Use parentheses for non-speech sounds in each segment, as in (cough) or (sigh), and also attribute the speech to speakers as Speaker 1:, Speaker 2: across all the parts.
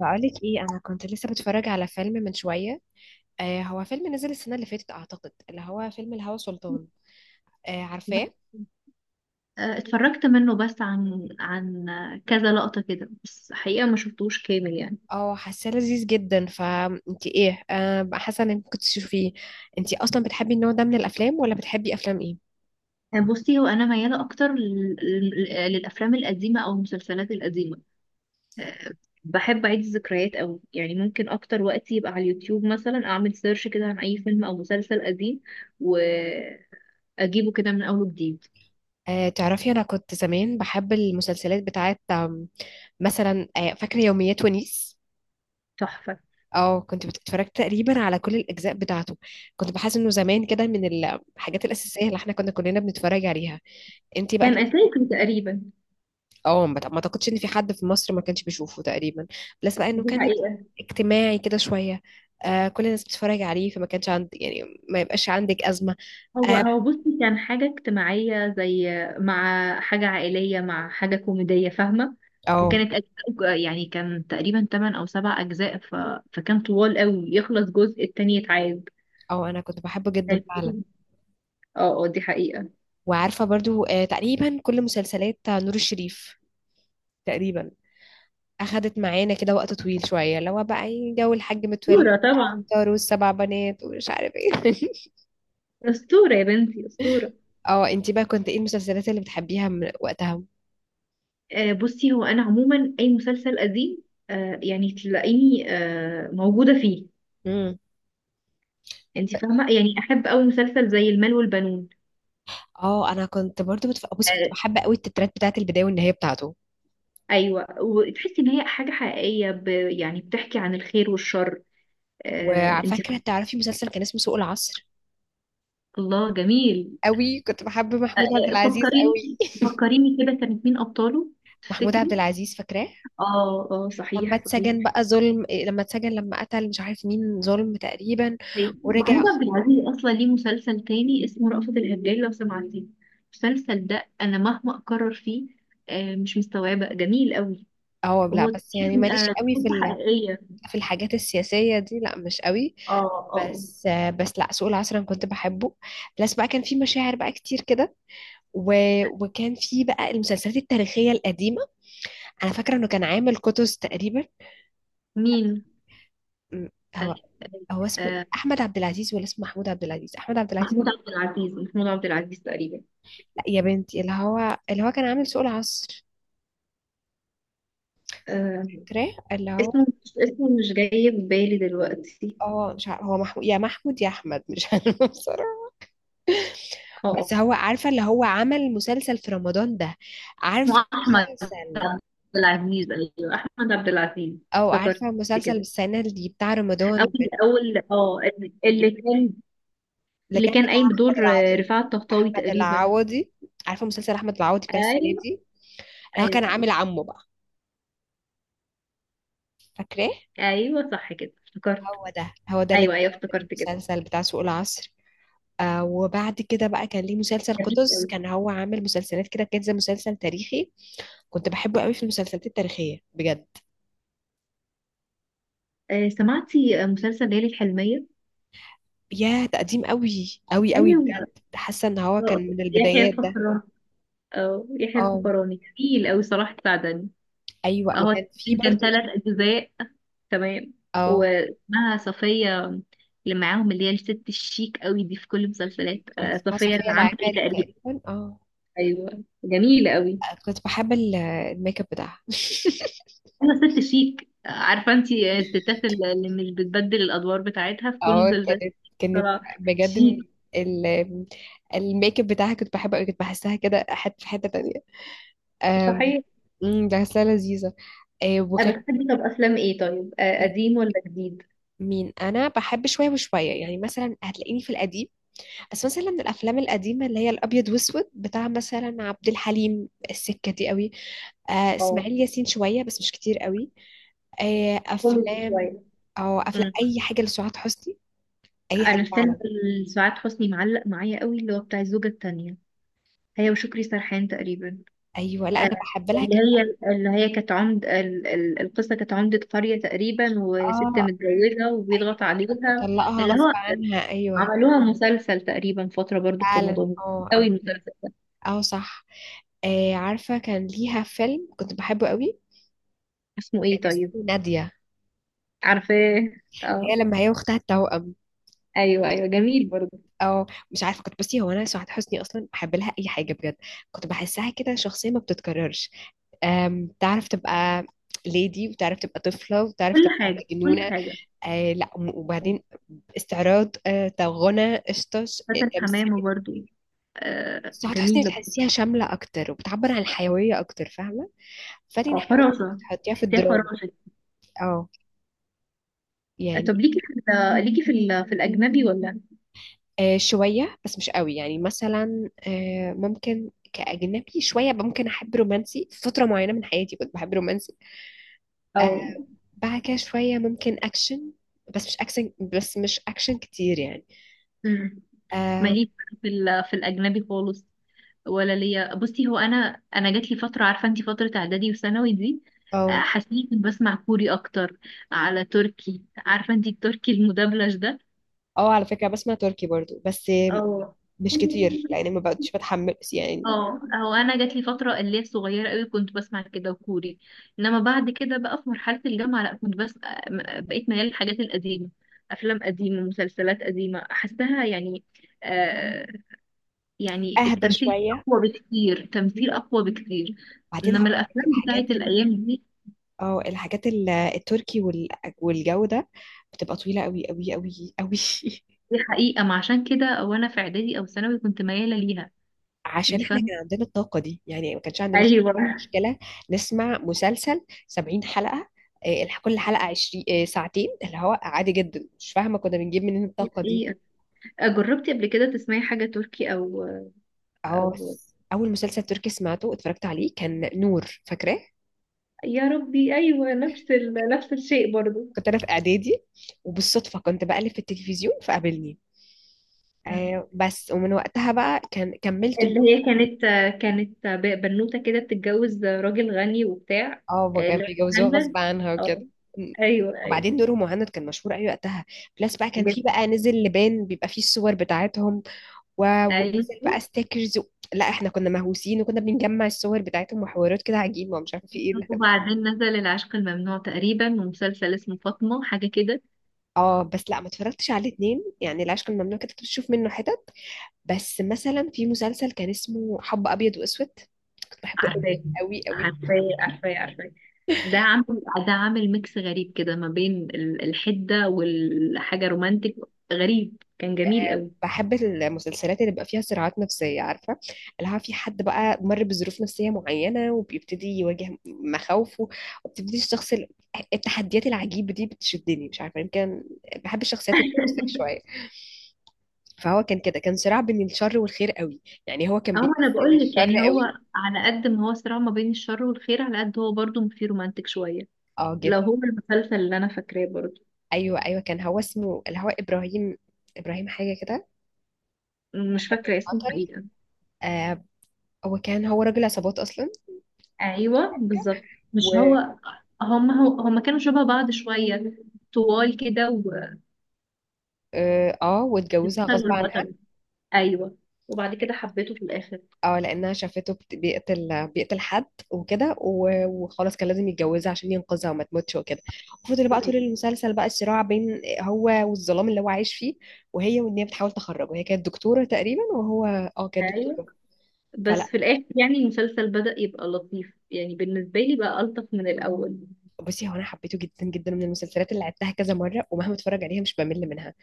Speaker 1: بقولك ايه؟ انا كنت لسه بتفرج على فيلم من شويه. آه، هو فيلم نزل السنه اللي فاتت اعتقد، اللي هو فيلم الهوى سلطان. آه، عارفاه.
Speaker 2: اتفرجت منه بس عن كذا لقطة كده بس حقيقة ما شفتوش كامل يعني.
Speaker 1: اه، حاساه لذيذ جدا، فانت ايه بقى؟ حاسه انك ممكن تشوفيه؟ انت اصلا بتحبي النوع ده من الافلام، ولا بتحبي افلام ايه؟
Speaker 2: بصي، هو أنا ميالة أكتر للأفلام القديمة أو المسلسلات القديمة. آه، بحب أعيد الذكريات أوي، يعني ممكن أكتر وقت يبقى على اليوتيوب مثلا أعمل سيرش كده عن أي فيلم أو مسلسل قديم وأجيبه كده من أول وجديد.
Speaker 1: آه، تعرفي انا كنت زمان بحب المسلسلات بتاعت مثلا فاكره يوميات ونيس.
Speaker 2: تحفة.
Speaker 1: اه، كنت بتتفرج تقريبا على كل الاجزاء بتاعته. كنت بحس انه زمان كده من الحاجات الاساسيه اللي احنا كنا كلنا بنتفرج عليها. انتي بقى؟
Speaker 2: كان أساسي تقريبا.
Speaker 1: اه، ما اعتقدش ان في حد في مصر ما كانش بيشوفه تقريبا. بلس بقى انه
Speaker 2: دي
Speaker 1: كان
Speaker 2: حقيقة.
Speaker 1: اجتماعي كده شويه. آه، كل الناس بتتفرج عليه، فما كانش عندي يعني، ما يبقاش عندك ازمه.
Speaker 2: هو
Speaker 1: اه.
Speaker 2: هو بصي، كان حاجة اجتماعية زي مع حاجة عائلية مع حاجة كوميدية، فاهمة؟
Speaker 1: اه.
Speaker 2: وكانت أجزاء، يعني كان تقريبا 8 أو 7 أجزاء، فكان طوال قوي، يخلص جزء التاني يتعاد.
Speaker 1: اه، انا كنت بحبه
Speaker 2: (laughs)
Speaker 1: جدا فعلا.
Speaker 2: كان- اه اه، دي حقيقة.
Speaker 1: وعارفه برضو آه، تقريبا كل مسلسلات نور الشريف تقريبا اخدت معانا كده وقت طويل شويه، اللي هو بقى إيه، جو الحاج متولي،
Speaker 2: أسطورة طبعا.
Speaker 1: طاروا السبع بنات ومش عارف ايه. (laughs)
Speaker 2: أسطورة يا بنتي أسطورة.
Speaker 1: اه، انتي بقى كنت ايه المسلسلات اللي بتحبيها من وقتها؟
Speaker 2: بصي، هو أنا عموما أي مسلسل قديم. يعني تلاقيني موجودة فيه. انت فاهمة؟ يعني أحب أوي مسلسل زي المال والبنون.
Speaker 1: اه، انا كنت برضو بصي، كنت
Speaker 2: آه،
Speaker 1: بحب قوي التترات بتاعت البدايه والنهايه بتاعته.
Speaker 2: ايوه، وتحسي ان هي حاجه حقيقيه، يعني بتحكي عن الخير والشر. آه، انت.
Speaker 1: وفاكره، تعرفي مسلسل كان اسمه سوق العصر؟
Speaker 2: الله، جميل.
Speaker 1: قوي كنت بحب
Speaker 2: آه
Speaker 1: محمود عبد
Speaker 2: آه،
Speaker 1: العزيز
Speaker 2: فكريني
Speaker 1: قوي.
Speaker 2: فكريني كده، كانت مين ابطاله؟
Speaker 1: (laughs) محمود عبد
Speaker 2: تفتكري؟
Speaker 1: العزيز، فاكراه؟
Speaker 2: اه اه،
Speaker 1: لما
Speaker 2: صحيح صحيح.
Speaker 1: اتسجن بقى، ظلم إيه، لما اتسجن، لما قتل مش عارف مين، ظلم تقريبا
Speaker 2: طيب، محمود
Speaker 1: ورجع.
Speaker 2: عبد العزيز اصلا ليه مسلسل تاني اسمه رأفت الهجان لو سمعتيه. المسلسل ده انا مهما اكرر فيه. مش مستوعبه، جميل قوي.
Speaker 1: اه لا،
Speaker 2: وهو
Speaker 1: بس يعني
Speaker 2: تقريبا
Speaker 1: ماليش قوي
Speaker 2: قصه
Speaker 1: في
Speaker 2: حقيقيه.
Speaker 1: في الحاجات السياسيه دي، لا مش قوي.
Speaker 2: اه اه، آه.
Speaker 1: بس. بس لا، سوق العصر انا كنت بحبه. بس بقى كان في مشاعر بقى كتير كده و... وكان في بقى المسلسلات التاريخيه القديمه. انا فاكره انه كان عامل كتس تقريبا.
Speaker 2: مين؟
Speaker 1: م-
Speaker 2: آه،
Speaker 1: هو.
Speaker 2: آه،
Speaker 1: هو اسمه إيه؟
Speaker 2: آه،
Speaker 1: احمد عبد العزيز ولا اسمه محمود عبد العزيز؟ احمد عبد العزيز.
Speaker 2: محمود عبد العزيز، محمود عبد العزيز تقريبا.
Speaker 1: لا يا بنتي، اللي هو كان عامل سوق العصر.
Speaker 2: آه
Speaker 1: فاكراه؟ اللي هو.
Speaker 2: اسمه مش جاي في بالي دلوقتي.
Speaker 1: اه مش عارف، هو محمود، يا محمود يا احمد مش عارفه، (laughs) بصراحه.
Speaker 2: اه،
Speaker 1: بس
Speaker 2: آه.
Speaker 1: هو، عارفه اللي هو عمل مسلسل في رمضان ده؟
Speaker 2: اسمه
Speaker 1: عارفه
Speaker 2: احمد
Speaker 1: مسلسل؟
Speaker 2: عبد العزيز، ايوه احمد عبد العزيز.
Speaker 1: او عارفه
Speaker 2: افتكرت
Speaker 1: مسلسل
Speaker 2: كده.
Speaker 1: السنه دي بتاع رمضان
Speaker 2: اول اول اه، اللي كان،
Speaker 1: اللي
Speaker 2: اللي
Speaker 1: كان
Speaker 2: كان
Speaker 1: بتاع
Speaker 2: قايم
Speaker 1: احمد
Speaker 2: بدور
Speaker 1: العوضي.
Speaker 2: رفاعة الطهطاوي
Speaker 1: احمد
Speaker 2: تقريبا.
Speaker 1: العوضي. عارفه مسلسل احمد العوضي بتاع السنه
Speaker 2: ايوه
Speaker 1: دي؟ اللي هو كان
Speaker 2: ايوه
Speaker 1: عامل عمه بقى. فاكراه؟
Speaker 2: ايوه، صح كده افتكرت.
Speaker 1: هو ده، هو ده اللي
Speaker 2: ايوه
Speaker 1: كان
Speaker 2: ايوه،
Speaker 1: في
Speaker 2: افتكرت كده.
Speaker 1: المسلسل بتاع سوق العصر. آه، وبعد كده بقى كان ليه مسلسل
Speaker 2: جميل
Speaker 1: قطز.
Speaker 2: أوي.
Speaker 1: كان هو عامل مسلسلات كده، كان زي مسلسل تاريخي. كنت بحبه قوي في المسلسلات التاريخية بجد.
Speaker 2: سمعتي مسلسل ليالي الحلمية؟
Speaker 1: يا تقديم قوي قوي قوي
Speaker 2: ايوه.
Speaker 1: بجد. حاسة ان هو
Speaker 2: آه،
Speaker 1: كان من
Speaker 2: يحيى
Speaker 1: البدايات ده.
Speaker 2: الفخراني، أو يحيى
Speaker 1: اه.
Speaker 2: الفخراني تقيل أوي صراحة، سعدني.
Speaker 1: ايوه،
Speaker 2: أهو
Speaker 1: وكان في
Speaker 2: تقريباً كان
Speaker 1: برضو.
Speaker 2: 3 أجزاء. تمام.
Speaker 1: اه،
Speaker 2: واسمها صفية. اللي معاهم، اللي هي الست الشيك أوي دي في كل المسلسلات،
Speaker 1: كان اسمها
Speaker 2: صفية
Speaker 1: صفية
Speaker 2: العمري
Speaker 1: العماري
Speaker 2: تقريبا.
Speaker 1: تقريبا. اه،
Speaker 2: أيوة، جميلة أوي.
Speaker 1: كنت بحب الميك اب بتاعها.
Speaker 2: أنا ست شيك، عارفة أنتي الستات اللي مش بتبدل الأدوار بتاعتها في
Speaker 1: (laughs)
Speaker 2: كل
Speaker 1: اه،
Speaker 2: المسلسلات.
Speaker 1: كانت، كانت
Speaker 2: طلع
Speaker 1: بجد.
Speaker 2: شيك.
Speaker 1: ال- الميك اب بتاعها كنت بحبه قوي، كنت بحسها كده حته في حته تانية. آم،
Speaker 2: صحيح.
Speaker 1: ده غسالة لذيذة. آه، وكان.
Speaker 2: بتحبي طب أفلام إيه طيب، قديم ولا جديد؟
Speaker 1: مين؟ انا بحب شويه وشويه يعني، مثلا هتلاقيني في القديم. بس مثلا من الافلام القديمه اللي هي الابيض واسود، بتاع مثلا عبد الحليم السكه دي قوي. آه،
Speaker 2: اه،
Speaker 1: اسماعيل ياسين شويه، بس مش كتير قوي. آه،
Speaker 2: كوميدي
Speaker 1: افلام،
Speaker 2: شوية.
Speaker 1: او افلام اي حاجه لسعاد حسني، اي حاجه
Speaker 2: انا فيلم
Speaker 1: فعلا.
Speaker 2: سعاد حسني معلق معايا قوي، اللي هو بتاع الزوجة التانية، هي وشكري سرحان تقريبا.
Speaker 1: ايوه لا،
Speaker 2: آه،
Speaker 1: انا بحب لها،
Speaker 2: اللي
Speaker 1: كانت.
Speaker 2: هي، كانت عمد القصة، كانت عمدة قرية تقريبا وست
Speaker 1: اه،
Speaker 2: متجوزة
Speaker 1: ايوه،
Speaker 2: وبيضغط عليها.
Speaker 1: أنا بطلقها
Speaker 2: اللي
Speaker 1: غصب
Speaker 2: هو
Speaker 1: عنها، ايوه.
Speaker 2: عملوها مسلسل تقريبا فترة برضو في
Speaker 1: فعلا
Speaker 2: رمضان.
Speaker 1: اه.
Speaker 2: قوي
Speaker 1: اه
Speaker 2: المسلسل ده.
Speaker 1: آه، صح. آه، عارفة كان ليها فيلم كنت بحبه قوي،
Speaker 2: اسمه
Speaker 1: كان
Speaker 2: ايه
Speaker 1: اسمه
Speaker 2: طيب؟
Speaker 1: نادية.
Speaker 2: عارفاه. اه.
Speaker 1: هي لما هي واختها التوأم.
Speaker 2: ايوه ايوه، جميل برضو.
Speaker 1: او مش عارفة، كنت بصي، هو انا سعاد حسني اصلا بحب لها اي حاجة بجد. كنت بحسها كده شخصية ما بتتكررش. تعرف تبقى ليدي، وتعرف تبقى طفلة، وتعرف
Speaker 2: كل
Speaker 1: تبقى
Speaker 2: حاجة كل
Speaker 1: مجنونة.
Speaker 2: حاجة.
Speaker 1: آه لا، وبعدين استعراض، آه، غنى، آه،
Speaker 2: فاتن
Speaker 1: تمثيل.
Speaker 2: حمامة برضو.
Speaker 1: سعاد حسني
Speaker 2: جميلة برضو.
Speaker 1: بتحسيها شاملة أكتر، وبتعبر عن الحيوية أكتر، فاهمة؟ فاتن
Speaker 2: اه،
Speaker 1: حمامة
Speaker 2: فراشة.
Speaker 1: بتحطيها في
Speaker 2: تحسيها
Speaker 1: الدراما.
Speaker 2: فراشة.
Speaker 1: اه،
Speaker 2: طب،
Speaker 1: يعني.
Speaker 2: في الأجنبي ولا؟
Speaker 1: آه، شوية بس مش قوي، يعني مثلا آه، ممكن كأجنبي شوية ممكن أحب رومانسي، في فترة معينة من حياتي كنت بحب رومانسي. آه،
Speaker 2: او.
Speaker 1: بعد كده شوية ممكن أكشن، بس مش أكشن، بس مش أكشن كتير يعني.
Speaker 2: امم
Speaker 1: اه.
Speaker 2: ماليش في الاجنبي خالص، ولا ليا، بصي هو انا جات لي فتره، عارفه انت فتره اعدادي وثانوي دي.
Speaker 1: اه
Speaker 2: حسيت كنت بسمع كوري اكتر على تركي، عارفه انت التركي المدبلج ده.
Speaker 1: آه، على فكرة بسمع تركي برضو بس آه،
Speaker 2: او.
Speaker 1: مش كتير لأن ما بقتش بتحمل يعني.
Speaker 2: اه، هو انا جات لي فتره اللي هي صغيره قوي كنت بسمع كده وكوري. انما بعد كده بقى في مرحله الجامعه، لا كنت بس بقيت ميال للحاجات القديمه. افلام قديمه مسلسلات قديمه احسها يعني. آه يعني
Speaker 1: أهدى
Speaker 2: التمثيل
Speaker 1: شوية.
Speaker 2: اقوى بكتير، تمثيل اقوى بكتير.
Speaker 1: بعدين
Speaker 2: انما
Speaker 1: هقول لك
Speaker 2: الافلام بتاعت
Speaker 1: الحاجات
Speaker 2: الايام دي.
Speaker 1: اه، الحاجات التركي والجو ده، بتبقى طويلة قوي قوي قوي قوي. (laughs)
Speaker 2: دي حقيقه، ما عشان كده وانا في اعدادي او ثانوي كنت مياله ليها.
Speaker 1: عشان
Speaker 2: انت
Speaker 1: احنا
Speaker 2: فاهمه؟
Speaker 1: كان عندنا الطاقة دي يعني، ما كانش عندي مش...
Speaker 2: ايوه.
Speaker 1: عندنا مشكلة نسمع مسلسل 70 حلقة، آه، كل حلقة 20 آه، ساعتين، اللي هو عادي جدا، مش فاهمة كنا بنجيب منين
Speaker 2: دي
Speaker 1: الطاقة دي.
Speaker 2: حقيقة. جربتي قبل كده تسمعي حاجة تركي أو؟
Speaker 1: اه،
Speaker 2: أو
Speaker 1: بس أول مسلسل تركي سمعته، اتفرجت عليه كان نور، فاكراه؟
Speaker 2: يا ربي، ايوه نفس نفس الشيء برضو.
Speaker 1: كنت أنا في إعدادي، وبالصدفة كنت بقلب في التلفزيون فقابلني.
Speaker 2: مم.
Speaker 1: آه، بس ومن وقتها بقى كان كملت.
Speaker 2: اللي هي كانت بنوته كده بتتجوز راجل غني وبتاع.
Speaker 1: اه، بقى كان
Speaker 2: اللي هو
Speaker 1: بيجوزوها غصب
Speaker 2: مهند.
Speaker 1: عنها
Speaker 2: اه.
Speaker 1: وكده.
Speaker 2: ايوه ايوه،
Speaker 1: وبعدين نور مهند كان مشهور قوي وقتها. بلس بقى كان في
Speaker 2: بجد.
Speaker 1: بقى، نزل لبان بيبقى فيه الصور بتاعتهم، ونزل
Speaker 2: ايوه،
Speaker 1: بقى ستيكرز لا احنا كنا مهووسين، وكنا بنجمع الصور بتاعتهم وحوارات كده عجيبه، ومش عارفه في ايه اللي احنا كنا.
Speaker 2: وبعدين نزل العشق الممنوع تقريبا ومسلسل اسمه فاطمه حاجه كده.
Speaker 1: اه، بس لا ما اتفرجتش على الاتنين، يعني العشق الممنوع كده كنت بشوف منه حتت. بس مثلا في مسلسل كان اسمه حب ابيض واسود، كنت بحبه قوي
Speaker 2: عارفاه،
Speaker 1: قوي قوي.
Speaker 2: عارفاه، عارفاه، عارفاه. ده عامل ميكس غريب كده ما بين الحده والحاجه رومانتك. غريب، كان جميل قوي.
Speaker 1: بحب المسلسلات اللي بيبقى فيها صراعات نفسية، عارفة؟ اللي هو في حد بقى مر بظروف نفسية معينة، وبيبتدي يواجه مخاوفه، وبتبتدي الشخص التحديات العجيبة دي بتشدني، مش عارفة يمكن بحب الشخصيات التوكسيك شوية. فهو كان كده، كان صراع بين الشر والخير قوي، يعني هو كان
Speaker 2: هو انا
Speaker 1: بيمثل
Speaker 2: بقول لك،
Speaker 1: الشر
Speaker 2: يعني هو
Speaker 1: قوي.
Speaker 2: على قد ما هو صراع ما بين الشر والخير على قد هو برضه فيه رومانتك شويه.
Speaker 1: اه جدا.
Speaker 2: لو هو المسلسل اللي انا فاكراه برضه.
Speaker 1: ايوه كان، هو اسمه اللي هو ابراهيم، ابراهيم حاجة كده.
Speaker 2: مش
Speaker 1: كان
Speaker 2: فاكره اسمه
Speaker 1: البطل.
Speaker 2: حقيقه.
Speaker 1: آه، هو كان راجل عصابات اصلا.
Speaker 2: ايوه بالظبط. مش
Speaker 1: و.
Speaker 2: هو. هم كانوا شبه بعض شويه. طوال كده.
Speaker 1: اه آه، واتجوزها
Speaker 2: والبطل
Speaker 1: غصب عنها.
Speaker 2: والبطل. ايوه. وبعد كده حبيته في الاخر.
Speaker 1: اه، لانها شافته بيقتل، بيقتل حد وكده، وخلاص كان لازم يتجوزها عشان ينقذها وما تموتش وكده. وفضل بقى
Speaker 2: صحيح.
Speaker 1: طول المسلسل بقى الصراع بين هو والظلام اللي هو عايش فيه، وهي، وان هي بتحاول تخرجه. هي كانت دكتوره تقريبا، وهو. اه، كانت
Speaker 2: ايوه،
Speaker 1: دكتوره. فلا،
Speaker 2: بس في الاخر يعني المسلسل بدأ يبقى لطيف يعني بالنسبه لي، بقى الطف من الاول.
Speaker 1: بصي، هو انا حبيته جدا جدا، من المسلسلات اللي عدتها كذا مره، ومهما اتفرج عليها مش بمل منها.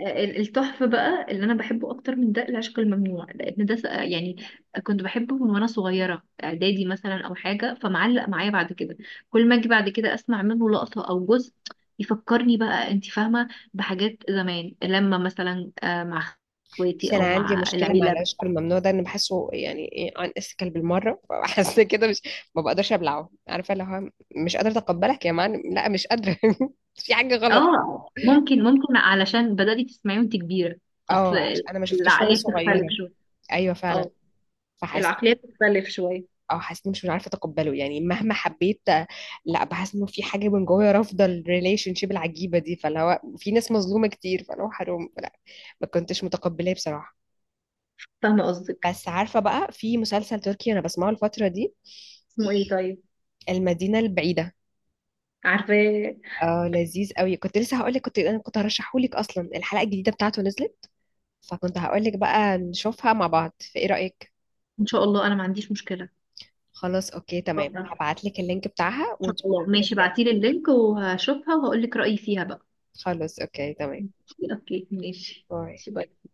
Speaker 2: التحفة بقى اللي أنا بحبه أكتر من ده العشق الممنوع، لأن ده يعني كنت بحبه من وأنا صغيرة إعدادي مثلا أو حاجة، فمعلق معايا بعد كده. كل ما أجي بعد كده أسمع منه لقطة أو جزء يفكرني بقى، أنت فاهمة؟ بحاجات زمان، لما مثلا مع إخواتي
Speaker 1: بس انا
Speaker 2: أو
Speaker 1: عندي
Speaker 2: مع
Speaker 1: مشكله مع
Speaker 2: العيلة.
Speaker 1: العشق الممنوع ده، انا بحسه يعني ايه، ان اسكال بالمره. (laughs) بحس كده مش، ما بقدرش ابلعه، عارفه، اللي هو مش قادره اتقبلك يا معلم، لا مش قادره. (laughs) في حاجه غلط.
Speaker 2: اه، ممكن علشان بدأتي تسمعيه وأنت كبيرة. أصل
Speaker 1: اه عشان انا ما شفتوش وانا
Speaker 2: العقلية بتختلف
Speaker 1: صغيره.
Speaker 2: شوية.
Speaker 1: ايوه فعلا.
Speaker 2: اه،
Speaker 1: فحسيت،
Speaker 2: العقلية بتختلف شوية.
Speaker 1: اه حسيت مش عارفه اتقبله يعني مهما حبيت. لا، بحس انه في حاجه من جوايا رافضه الريليشن شيب العجيبه دي، فاللي هو في ناس مظلومه كتير، فاللي هو حرام لا، ما كنتش متقبلاه بصراحه.
Speaker 2: فاهمة قصدك.
Speaker 1: بس عارفه بقى في مسلسل تركي انا بسمعه الفتره دي،
Speaker 2: اسمه ايه طيب؟
Speaker 1: المدينه البعيده.
Speaker 2: عارفاه.
Speaker 1: اه لذيذ قوي، كنت لسه هقول لك، كنت انا كنت هرشحه لك اصلا، الحلقه الجديده بتاعته نزلت، فكنت هقول لك بقى نشوفها مع بعض، فايه رايك؟
Speaker 2: ان شاء الله، انا ما عنديش مشكلة.
Speaker 1: خلاص، اوكي تمام،
Speaker 2: اتفضل. ان
Speaker 1: هبعت لك اللينك بتاعها
Speaker 2: شاء
Speaker 1: ونشوفها
Speaker 2: الله، ماشي،
Speaker 1: ونتكلم.
Speaker 2: بعتيلي اللينك وهشوفها وهقول لك رأيي فيها بقى.
Speaker 1: خلاص اوكي تمام.
Speaker 2: اوكي، ماشي.
Speaker 1: باي.
Speaker 2: ماشي، باي.